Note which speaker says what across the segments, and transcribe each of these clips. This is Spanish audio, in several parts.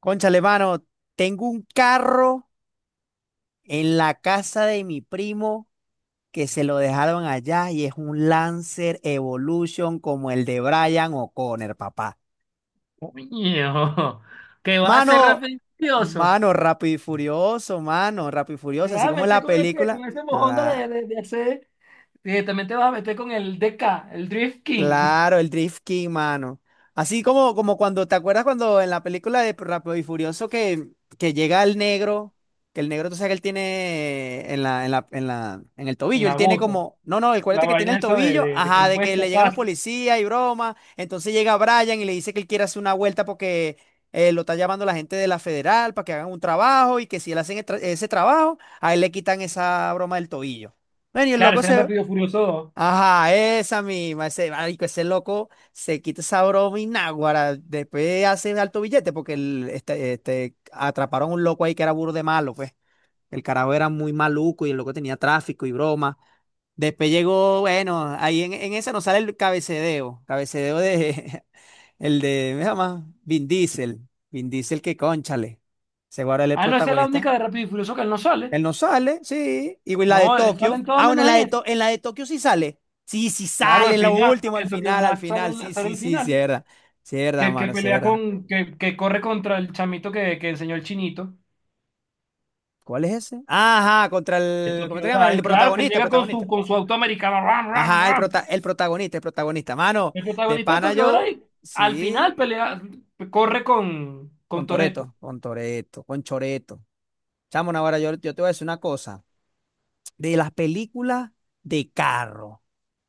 Speaker 1: Cónchale, mano, tengo un carro en la casa de mi primo que se lo dejaron allá y es un Lancer Evolution como el de Brian O'Connor, papá.
Speaker 2: Coño, ¿Que va a ser
Speaker 1: Mano,
Speaker 2: rápido y furioso?
Speaker 1: mano, Rápido y Furioso, mano, Rápido y
Speaker 2: Te
Speaker 1: Furioso, así
Speaker 2: vas a
Speaker 1: como en
Speaker 2: meter
Speaker 1: la
Speaker 2: con
Speaker 1: película.
Speaker 2: ese mojón de, de, de hacer. Directamente te vas a meter con el DK, el Drift King,
Speaker 1: Claro, el Drift King, mano. Así como cuando, ¿te acuerdas cuando en la película de Rápido y Furioso que llega el negro, tú sabes que él tiene en el
Speaker 2: en
Speaker 1: tobillo, él
Speaker 2: la
Speaker 1: tiene
Speaker 2: bota.
Speaker 1: como, no, no, el
Speaker 2: La
Speaker 1: acuérdate que tiene
Speaker 2: vaina
Speaker 1: el
Speaker 2: esa de,
Speaker 1: tobillo,
Speaker 2: de, de que
Speaker 1: ajá,
Speaker 2: no
Speaker 1: de
Speaker 2: puedes
Speaker 1: que le llegan
Speaker 2: escapar.
Speaker 1: los policías y broma, entonces llega Brian y le dice que él quiere hacer una vuelta porque lo está llamando la gente de la federal para que hagan un trabajo y que si él hace ese trabajo, a él le quitan esa broma del tobillo. Bueno, y el
Speaker 2: Claro,
Speaker 1: loco
Speaker 2: ese es
Speaker 1: se...
Speaker 2: Rápido y Furioso 2.
Speaker 1: Ajá, esa misma, ese marico, ese loco se quita esa broma y náguara, después hace alto billete porque atraparon un loco ahí que era burro de malo, pues. El carajo era muy maluco y el loco tenía tráfico y broma. Después llegó, bueno, ahí en esa nos sale el cabecedeo de, el de, ¿me llama? Vin Diesel que cónchale, se guarda el
Speaker 2: Ah, no, esa es la
Speaker 1: protagonista,
Speaker 2: única de Rápido y Furioso que él no sale.
Speaker 1: él no sale, sí. Y la de
Speaker 2: No, él sale
Speaker 1: Tokio.
Speaker 2: en todo
Speaker 1: Ah, bueno,
Speaker 2: menos en ese.
Speaker 1: En la de Tokio sí sale. Sí, sí
Speaker 2: Claro,
Speaker 1: sale,
Speaker 2: al
Speaker 1: en lo
Speaker 2: final,
Speaker 1: último, al
Speaker 2: en Tokyo
Speaker 1: final, al
Speaker 2: Drift sale,
Speaker 1: final. Sí,
Speaker 2: sale
Speaker 1: sí,
Speaker 2: el
Speaker 1: sí,
Speaker 2: final.
Speaker 1: cierra. Cierra,
Speaker 2: Que
Speaker 1: mano,
Speaker 2: pelea
Speaker 1: cierra.
Speaker 2: con, que corre contra el chamito que enseñó el chinito.
Speaker 1: ¿Cuál es ese? Ajá, contra
Speaker 2: De
Speaker 1: el. ¿Cómo
Speaker 2: Tokyo
Speaker 1: te llamas? El
Speaker 2: Drive, claro, que él
Speaker 1: protagonista, el
Speaker 2: llega
Speaker 1: protagonista.
Speaker 2: con su auto americano, ram, ram,
Speaker 1: Ajá,
Speaker 2: ram.
Speaker 1: el protagonista, el protagonista. Mano,
Speaker 2: El
Speaker 1: de
Speaker 2: protagonista de
Speaker 1: pana
Speaker 2: Tokyo
Speaker 1: yo.
Speaker 2: Drive, al final
Speaker 1: Sí,
Speaker 2: pelea, corre
Speaker 1: con
Speaker 2: con Toretto.
Speaker 1: Toreto, con Toreto, con Choreto. Chamo, ahora yo te voy a decir una cosa. De las películas de carro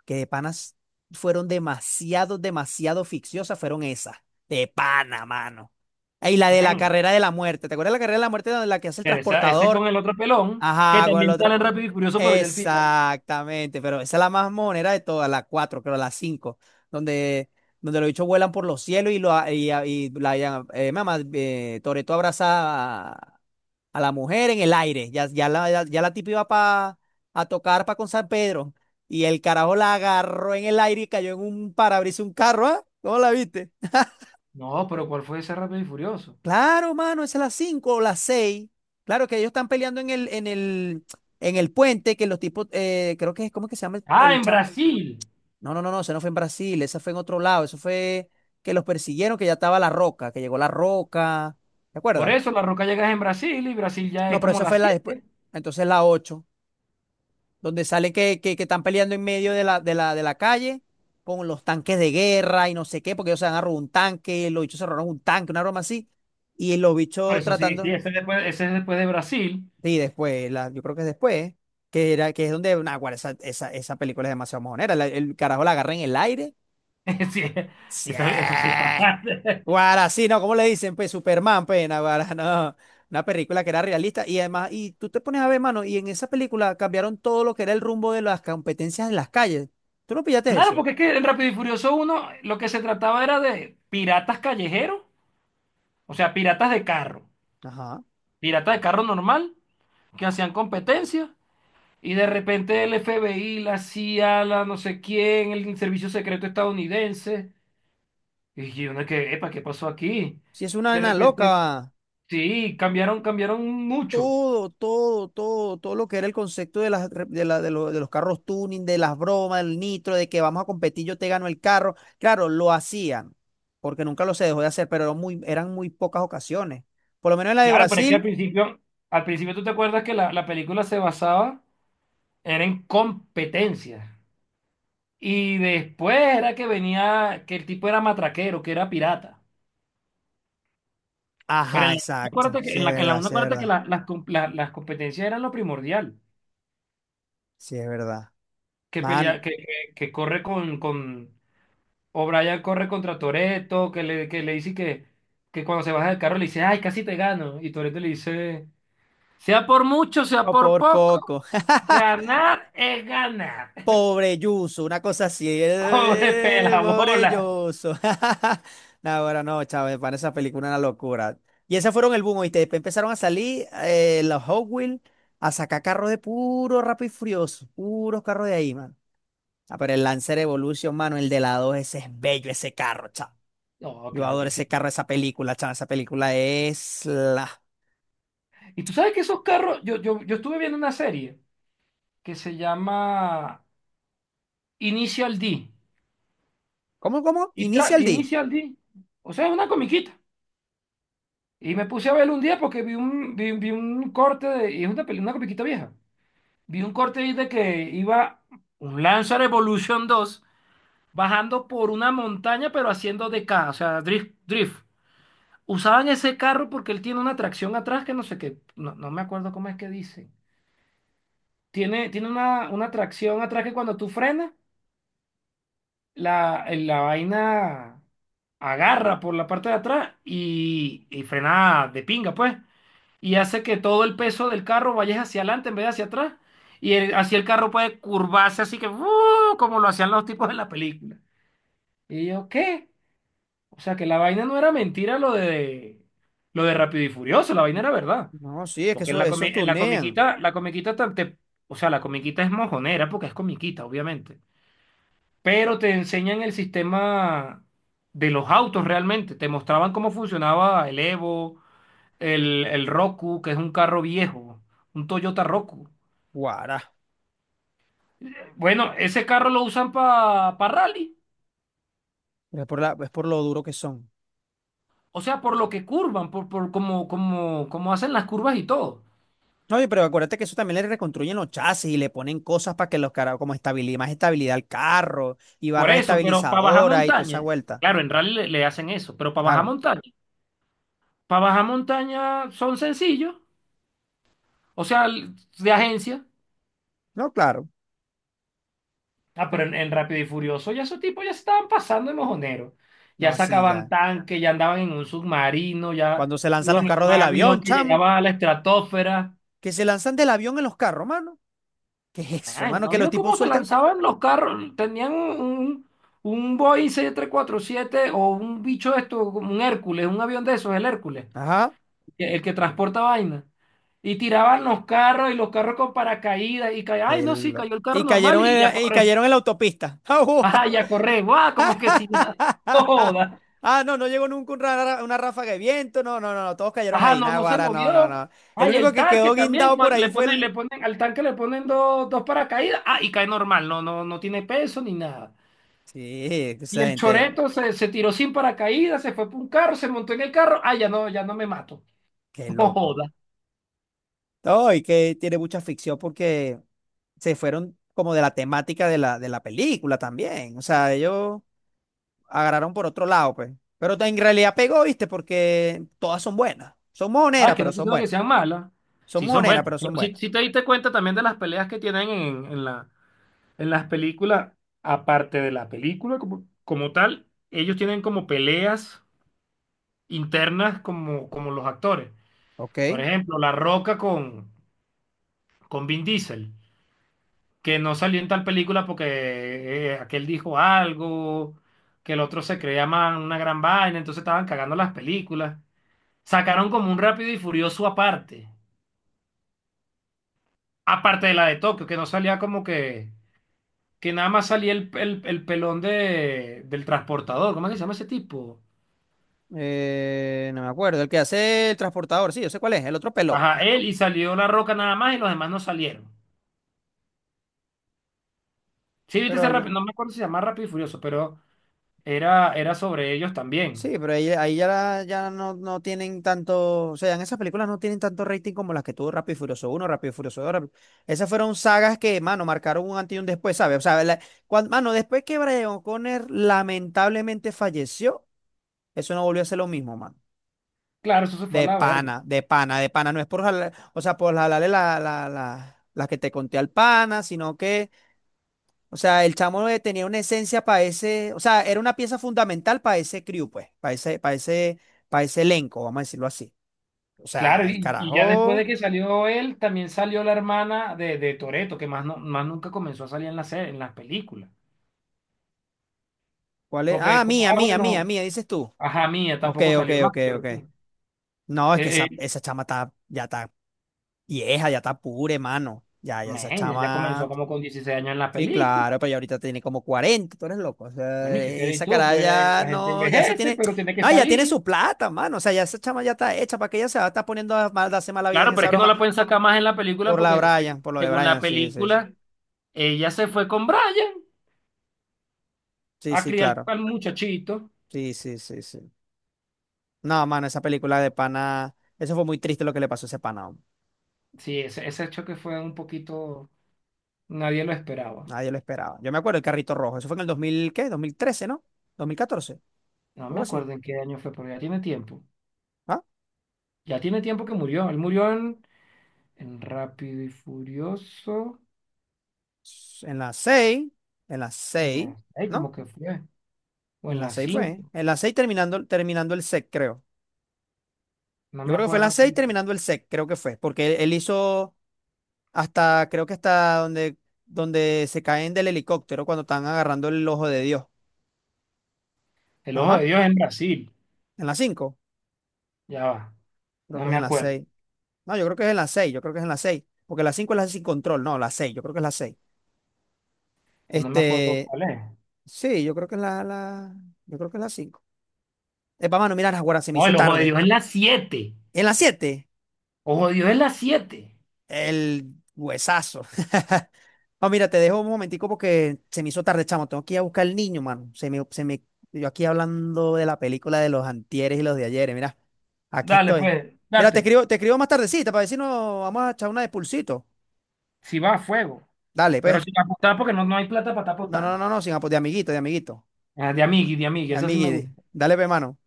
Speaker 1: que de panas fueron demasiado, demasiado ficciosas, fueron esas. De pana, mano. Y la de la
Speaker 2: Man,
Speaker 1: carrera de la muerte. ¿Te acuerdas de la carrera de la muerte donde la que hace el
Speaker 2: pero ese es
Speaker 1: transportador?
Speaker 2: con el otro pelón, que
Speaker 1: Ajá, con el
Speaker 2: también sale
Speaker 1: otro.
Speaker 2: en Rápido y Furioso, pero ya al final.
Speaker 1: Exactamente, pero esa es la más monera de todas, la cuatro, creo, la cinco, donde, donde los bichos vuelan por los cielos y mamá, Toretto abraza a, la mujer en el aire. Ya la tipa iba a tocar para con San Pedro. Y el carajo la agarró en el aire y cayó en un parabrisas un carro, ¿ah? ¿Cómo la viste?
Speaker 2: No, pero ¿cuál fue ese Rápido y Furioso?
Speaker 1: Claro, mano, es a las 5 o las seis. Claro que ellos están peleando en el puente, que los tipos, creo que es, ¿cómo es que se llama el,
Speaker 2: Ah,
Speaker 1: el
Speaker 2: en
Speaker 1: chamo?
Speaker 2: Brasil.
Speaker 1: No, no, no, no, eso no fue en Brasil, esa fue en otro lado, eso fue que los persiguieron, que ya estaba La Roca, que llegó La Roca, ¿te
Speaker 2: Por
Speaker 1: acuerdas?
Speaker 2: eso La Roca llega en Brasil y Brasil ya
Speaker 1: No,
Speaker 2: es
Speaker 1: pero
Speaker 2: como
Speaker 1: esa
Speaker 2: las
Speaker 1: fue la después,
Speaker 2: siete.
Speaker 1: entonces la 8 donde sale que están peleando en medio de la calle con los tanques de guerra y no sé qué, porque ellos se han a robar un tanque, los bichos se robaron un tanque, una broma así, y los
Speaker 2: Por
Speaker 1: bichos
Speaker 2: eso sí, sí,
Speaker 1: tratando,
Speaker 2: ese, después, ese es después de Brasil.
Speaker 1: y después, yo creo que es después, ¿eh? Que, era, que es donde, nah, guarda, esa película es demasiado mojonera, el carajo la agarra en el aire,
Speaker 2: Sí,
Speaker 1: ¡sí!
Speaker 2: eso sí pasa.
Speaker 1: Guara, sí, no, ¿cómo le dicen? Pues Superman, pues, guara, no. Una película que era realista y además, y tú te pones a ver, mano, y en esa película cambiaron todo lo que era el rumbo de las competencias en las calles. ¿Tú no pillaste
Speaker 2: Claro,
Speaker 1: eso?
Speaker 2: porque es que en Rápido y Furioso uno, lo que se trataba era de piratas callejeros, o sea,
Speaker 1: Ajá.
Speaker 2: piratas de carro normal, que hacían competencia, y de repente el FBI, la CIA, la no sé quién, el servicio secreto estadounidense, y uno que, epa, ¿qué pasó aquí?
Speaker 1: Sí, es una
Speaker 2: De
Speaker 1: nena
Speaker 2: repente,
Speaker 1: loca.
Speaker 2: sí, cambiaron, cambiaron mucho.
Speaker 1: Todo lo que era el concepto de de los carros tuning, de las bromas, del nitro, de que vamos a competir, yo te gano el carro. Claro, lo hacían, porque nunca lo se dejó de hacer, pero eran muy pocas ocasiones. Por lo menos en la de
Speaker 2: Claro, pero es que
Speaker 1: Brasil.
Speaker 2: al principio tú te acuerdas que la película se basaba, era en competencia. Y después era que venía, que el tipo era matraquero, que era pirata. Pero
Speaker 1: Ajá,
Speaker 2: en la,
Speaker 1: exacto.
Speaker 2: acuérdate que,
Speaker 1: Sí es
Speaker 2: en la
Speaker 1: verdad,
Speaker 2: una
Speaker 1: sí es
Speaker 2: acuérdate que
Speaker 1: verdad.
Speaker 2: las competencias eran lo primordial.
Speaker 1: Sí es verdad.
Speaker 2: Que
Speaker 1: Mano,
Speaker 2: pelea, que corre con O'Brien corre contra Toretto, que le dice que cuando se baja del carro le dice, ay, casi te gano. Y Toretto le dice, sea por mucho, sea
Speaker 1: oh,
Speaker 2: por
Speaker 1: por
Speaker 2: poco,
Speaker 1: poco.
Speaker 2: ganar es ganar.
Speaker 1: Pobre Yuso, una cosa así.
Speaker 2: Pobre
Speaker 1: Pobre
Speaker 2: pelabola.
Speaker 1: Yuso. No, ahora no, chaval, para esa película una locura. Y esas fueron el boom, ¿oíste? Después empezaron a salir los Hot Wheels a sacar carros de puro Rápido y Furioso. Puros carros de ahí, mano. Ah, pero el Lancer Evolution, mano, el de la 2, ese es bello, ese carro, chaval.
Speaker 2: No,
Speaker 1: Yo
Speaker 2: claro que
Speaker 1: adoro
Speaker 2: sí.
Speaker 1: ese carro, esa película, chaval. Esa película es la.
Speaker 2: Y tú sabes que esos carros, yo estuve viendo una serie que se llama Initial D.
Speaker 1: ¿Cómo? Initial D.
Speaker 2: Initial D. O sea, es una comiquita. Y me puse a verlo un día porque vi un corte de, y es una, una comiquita vieja. Vi un corte ahí de que iba un Lancer Evolution dos bajando por una montaña pero haciendo DK, o sea, drift, drift. Usaban ese carro porque él tiene una tracción atrás que no sé qué, no, no me acuerdo cómo es que dice. Tiene una tracción atrás que cuando tú frenas la, la vaina agarra por la parte de atrás y frena de pinga, pues. Y hace que todo el peso del carro vaya hacia adelante en vez de hacia atrás. Así el carro puede curvarse, así que ¡uh! Como lo hacían los tipos en la película. Y yo, ¿qué? O sea que la vaina no era mentira lo de Rápido y Furioso, la vaina era verdad.
Speaker 1: No, sí, es que
Speaker 2: Porque
Speaker 1: eso, esos
Speaker 2: en la
Speaker 1: tunean.
Speaker 2: comiquita, o sea, la comiquita es mojonera porque es comiquita, obviamente, pero te enseñan el sistema de los autos realmente. Te mostraban cómo funcionaba el Evo, el Roku, que es un carro viejo, un Toyota Roku.
Speaker 1: Guará.
Speaker 2: Bueno, ese carro lo usan para rally,
Speaker 1: Pero es es por lo duro que son.
Speaker 2: o sea, por lo que curvan, por cómo, como como hacen las curvas y todo.
Speaker 1: Oye, pero acuérdate que eso también le reconstruyen los chasis y le ponen cosas para que los carros, como estabilidad, más estabilidad al carro y
Speaker 2: Por
Speaker 1: barras
Speaker 2: eso, pero para bajar
Speaker 1: estabilizadoras y toda esa
Speaker 2: montaña,
Speaker 1: vuelta.
Speaker 2: claro, en rally le hacen eso, pero
Speaker 1: Claro.
Speaker 2: para bajar montaña son sencillos, o sea, de agencia.
Speaker 1: No, claro.
Speaker 2: Ah, pero en Rápido y Furioso ya esos tipos ya se estaban pasando de mojoneros. Ya
Speaker 1: No, así
Speaker 2: sacaban
Speaker 1: ya.
Speaker 2: tanques, ya andaban en un submarino, ya
Speaker 1: Cuando se lanzan los
Speaker 2: iban en
Speaker 1: carros
Speaker 2: un
Speaker 1: del
Speaker 2: avión
Speaker 1: avión,
Speaker 2: que
Speaker 1: chamo.
Speaker 2: llegaba a la estratosfera.
Speaker 1: Que se lanzan del avión en los carros, mano. ¿Qué es eso,
Speaker 2: Man,
Speaker 1: mano?
Speaker 2: ¿no
Speaker 1: Que los
Speaker 2: vio
Speaker 1: tipos
Speaker 2: cómo se
Speaker 1: sueltan.
Speaker 2: lanzaban los carros? Tenían un Boeing 747 o un bicho de esto, como un Hércules, un avión de esos, el Hércules,
Speaker 1: Ajá.
Speaker 2: el que transporta vaina. Y tiraban los carros y los carros con paracaídas y caían. Ay, no, sí,
Speaker 1: El...
Speaker 2: cayó el carro
Speaker 1: Y
Speaker 2: normal
Speaker 1: cayeron
Speaker 2: y a
Speaker 1: en, y
Speaker 2: correr.
Speaker 1: cayeron en la autopista.
Speaker 2: Ajá, y a correr. ¡Guau! Como que si nada. Joda.
Speaker 1: Ah, no, no llegó nunca una ráfaga de viento. No, no, no, no, todos cayeron
Speaker 2: Ajá,
Speaker 1: ahí.
Speaker 2: no, no se
Speaker 1: Naguará, no, no,
Speaker 2: movió.
Speaker 1: no. El
Speaker 2: Ay,
Speaker 1: único
Speaker 2: el
Speaker 1: que
Speaker 2: tanque
Speaker 1: quedó
Speaker 2: también,
Speaker 1: guindado por ahí fue
Speaker 2: le
Speaker 1: el.
Speaker 2: ponen, al tanque le ponen dos, dos paracaídas. Ah, y cae normal, no, no, no tiene peso ni nada.
Speaker 1: Sí,
Speaker 2: Y
Speaker 1: esa
Speaker 2: el
Speaker 1: gente,
Speaker 2: choreto se, se tiró sin paracaídas, se fue por un carro, se montó en el carro. Ah, ya no, ya no me mato.
Speaker 1: qué
Speaker 2: No
Speaker 1: loco.
Speaker 2: joda.
Speaker 1: No, y que tiene mucha ficción porque se fueron como de la temática de la película también. O sea, ellos agarraron por otro lado, pues. Pero en realidad pegó, ¿viste? Porque todas son buenas. Son mojoneras,
Speaker 2: Ah, que
Speaker 1: pero
Speaker 2: no te
Speaker 1: son
Speaker 2: digo que
Speaker 1: buenas.
Speaker 2: sean malas.
Speaker 1: Son
Speaker 2: Sí, son
Speaker 1: mojoneras,
Speaker 2: buenas.
Speaker 1: pero son
Speaker 2: Pero si,
Speaker 1: buenas.
Speaker 2: si te diste cuenta también de las peleas que tienen en la, en las películas, aparte de la película como, como tal, ellos tienen como peleas internas como, como los actores. Por
Speaker 1: Ok.
Speaker 2: ejemplo, La Roca con Vin Diesel, que no salió en tal película porque aquel dijo algo, que el otro se creía una gran vaina, entonces estaban cagando las películas. Sacaron como un Rápido y Furioso aparte, aparte de la de Tokio, que no salía como que nada más salía el pelón de, del transportador, ¿cómo es que se llama ese tipo?
Speaker 1: No me acuerdo. El que hace el transportador, sí, yo sé cuál es. El otro peló.
Speaker 2: Ajá, él y salió La Roca nada más y los demás no salieron. Sí, viste
Speaker 1: Pero
Speaker 2: ese rápido,
Speaker 1: ya.
Speaker 2: no me acuerdo si se llama Rápido y Furioso, pero era, era sobre ellos también.
Speaker 1: Sí, pero ahí ya, ya no tienen tanto. O sea, en esas películas no tienen tanto rating como las que tuvo Rápido y Furioso uno, Rápido y Furioso dos, Rápido- Esas fueron sagas que, mano, marcaron un antes y un después, ¿sabes? O sea, mano, después que Brian O'Connor lamentablemente falleció, eso no volvió a ser lo mismo, mano.
Speaker 2: Claro, eso se fue a
Speaker 1: De
Speaker 2: la verga.
Speaker 1: pana, de pana, de pana. No es por o sea, por jalarle la, las que te conté al pana, sino que. O sea, el chamo tenía una esencia para ese, o sea, era una pieza fundamental para ese crew, pues, para ese elenco, vamos a decirlo así. O
Speaker 2: Claro,
Speaker 1: sea, el
Speaker 2: y ya después de
Speaker 1: carajo,
Speaker 2: que salió él, también salió la hermana de Toretto, que más, no, más nunca comenzó a salir en la serie, en las películas.
Speaker 1: ¿cuál es?
Speaker 2: Porque
Speaker 1: Ah,
Speaker 2: como,
Speaker 1: mía,
Speaker 2: ah,
Speaker 1: mía, mía,
Speaker 2: bueno,
Speaker 1: mía, dices tú.
Speaker 2: ajá, mía,
Speaker 1: Ok,
Speaker 2: tampoco
Speaker 1: ok,
Speaker 2: salió más,
Speaker 1: ok,
Speaker 2: que yo
Speaker 1: ok.
Speaker 2: recuerdo.
Speaker 1: No, es que
Speaker 2: Eh,
Speaker 1: esa,
Speaker 2: eh,
Speaker 1: esa chama ya está vieja, ya está pura, mano. Ya esa
Speaker 2: men, ella comenzó
Speaker 1: chama.
Speaker 2: como con 16 años en la
Speaker 1: Sí,
Speaker 2: película.
Speaker 1: claro, pero ya ahorita tiene como 40, tú eres loco. O sea,
Speaker 2: Bueno, ¿y qué querés
Speaker 1: esa
Speaker 2: tú?
Speaker 1: cara
Speaker 2: Pues
Speaker 1: ya
Speaker 2: la gente
Speaker 1: no, ya se
Speaker 2: envejece,
Speaker 1: tiene,
Speaker 2: pero tiene que
Speaker 1: no, ya tiene
Speaker 2: salir.
Speaker 1: su plata, mano. O sea, ya esa chama ya está hecha, ¿para que ella se va a estar poniendo a mal, darse mala vida en
Speaker 2: Claro, pero
Speaker 1: esa
Speaker 2: es que no
Speaker 1: broma?
Speaker 2: la pueden sacar más en la película
Speaker 1: Por la
Speaker 2: porque
Speaker 1: Brian, por lo de
Speaker 2: según
Speaker 1: Brian,
Speaker 2: la
Speaker 1: sí, sí, sí.
Speaker 2: película, ella se fue con Brian
Speaker 1: Sí,
Speaker 2: a
Speaker 1: sí,
Speaker 2: criar
Speaker 1: claro.
Speaker 2: al muchachito.
Speaker 1: Sí, sí, sí, sí. No, mano, esa película de pana, eso fue muy triste lo que le pasó a ese pana. Hombre.
Speaker 2: Sí, ese choque fue un poquito. Nadie lo esperaba.
Speaker 1: Nadie lo esperaba. Yo me acuerdo el carrito rojo, eso fue en el 2000 ¿qué? 2013, ¿no? 2014,
Speaker 2: No me
Speaker 1: algo así.
Speaker 2: acuerdo en qué año fue, pero ya tiene tiempo.
Speaker 1: ¿Ah?
Speaker 2: Ya tiene tiempo que murió. Él murió en Rápido y Furioso.
Speaker 1: En las 6, en las
Speaker 2: En
Speaker 1: 6,
Speaker 2: la 6,
Speaker 1: ¿no?
Speaker 2: como que fue. O
Speaker 1: En
Speaker 2: en la
Speaker 1: las 6 fue.
Speaker 2: cinco.
Speaker 1: En las 6 terminando el SEC, creo.
Speaker 2: No
Speaker 1: Yo
Speaker 2: me
Speaker 1: creo que fue en
Speaker 2: acuerdo.
Speaker 1: las 6 terminando el SEC, creo que fue, porque él hizo hasta, creo que hasta donde se caen del helicóptero cuando están agarrando el Ojo de Dios.
Speaker 2: El Ojo
Speaker 1: Ajá.
Speaker 2: de Dios en Brasil.
Speaker 1: ¿En la cinco?
Speaker 2: Ya va.
Speaker 1: Creo
Speaker 2: No
Speaker 1: que es
Speaker 2: me
Speaker 1: en la
Speaker 2: acuerdo.
Speaker 1: seis. No, yo creo que es en la seis, yo creo que es en la seis. Porque la 5 es la sin control, no, la seis, yo creo que es la seis.
Speaker 2: O no me acuerdo
Speaker 1: Este,
Speaker 2: cuál es.
Speaker 1: sí, yo creo que es yo creo que es la 5. Epa, mano, mira, ahora se me
Speaker 2: No,
Speaker 1: hizo
Speaker 2: el Ojo de
Speaker 1: tarde.
Speaker 2: Dios en la siete.
Speaker 1: En la 7
Speaker 2: Ojo de Dios en la siete.
Speaker 1: el huesazo. No, mira, te dejo un momentico porque se me hizo tarde, chamo. Tengo que ir a buscar al niño, mano. Yo aquí hablando de la película de los antieres y los de ayeres, mira, aquí
Speaker 2: Dale,
Speaker 1: estoy.
Speaker 2: pues,
Speaker 1: Mira, te
Speaker 2: date.
Speaker 1: escribo, te escribo más tardecita para decirnos, vamos a echar una de pulsito.
Speaker 2: Si va a fuego.
Speaker 1: Dale,
Speaker 2: Pero
Speaker 1: pues.
Speaker 2: sin apostar porque no, no hay plata para estar
Speaker 1: No, no,
Speaker 2: apostando.
Speaker 1: no, no, sin apoyo, de amiguito, de amiguito.
Speaker 2: Ah, de amigui, de amigui. Esa sí me
Speaker 1: Amiguito.
Speaker 2: gusta.
Speaker 1: Dale, pe, mano.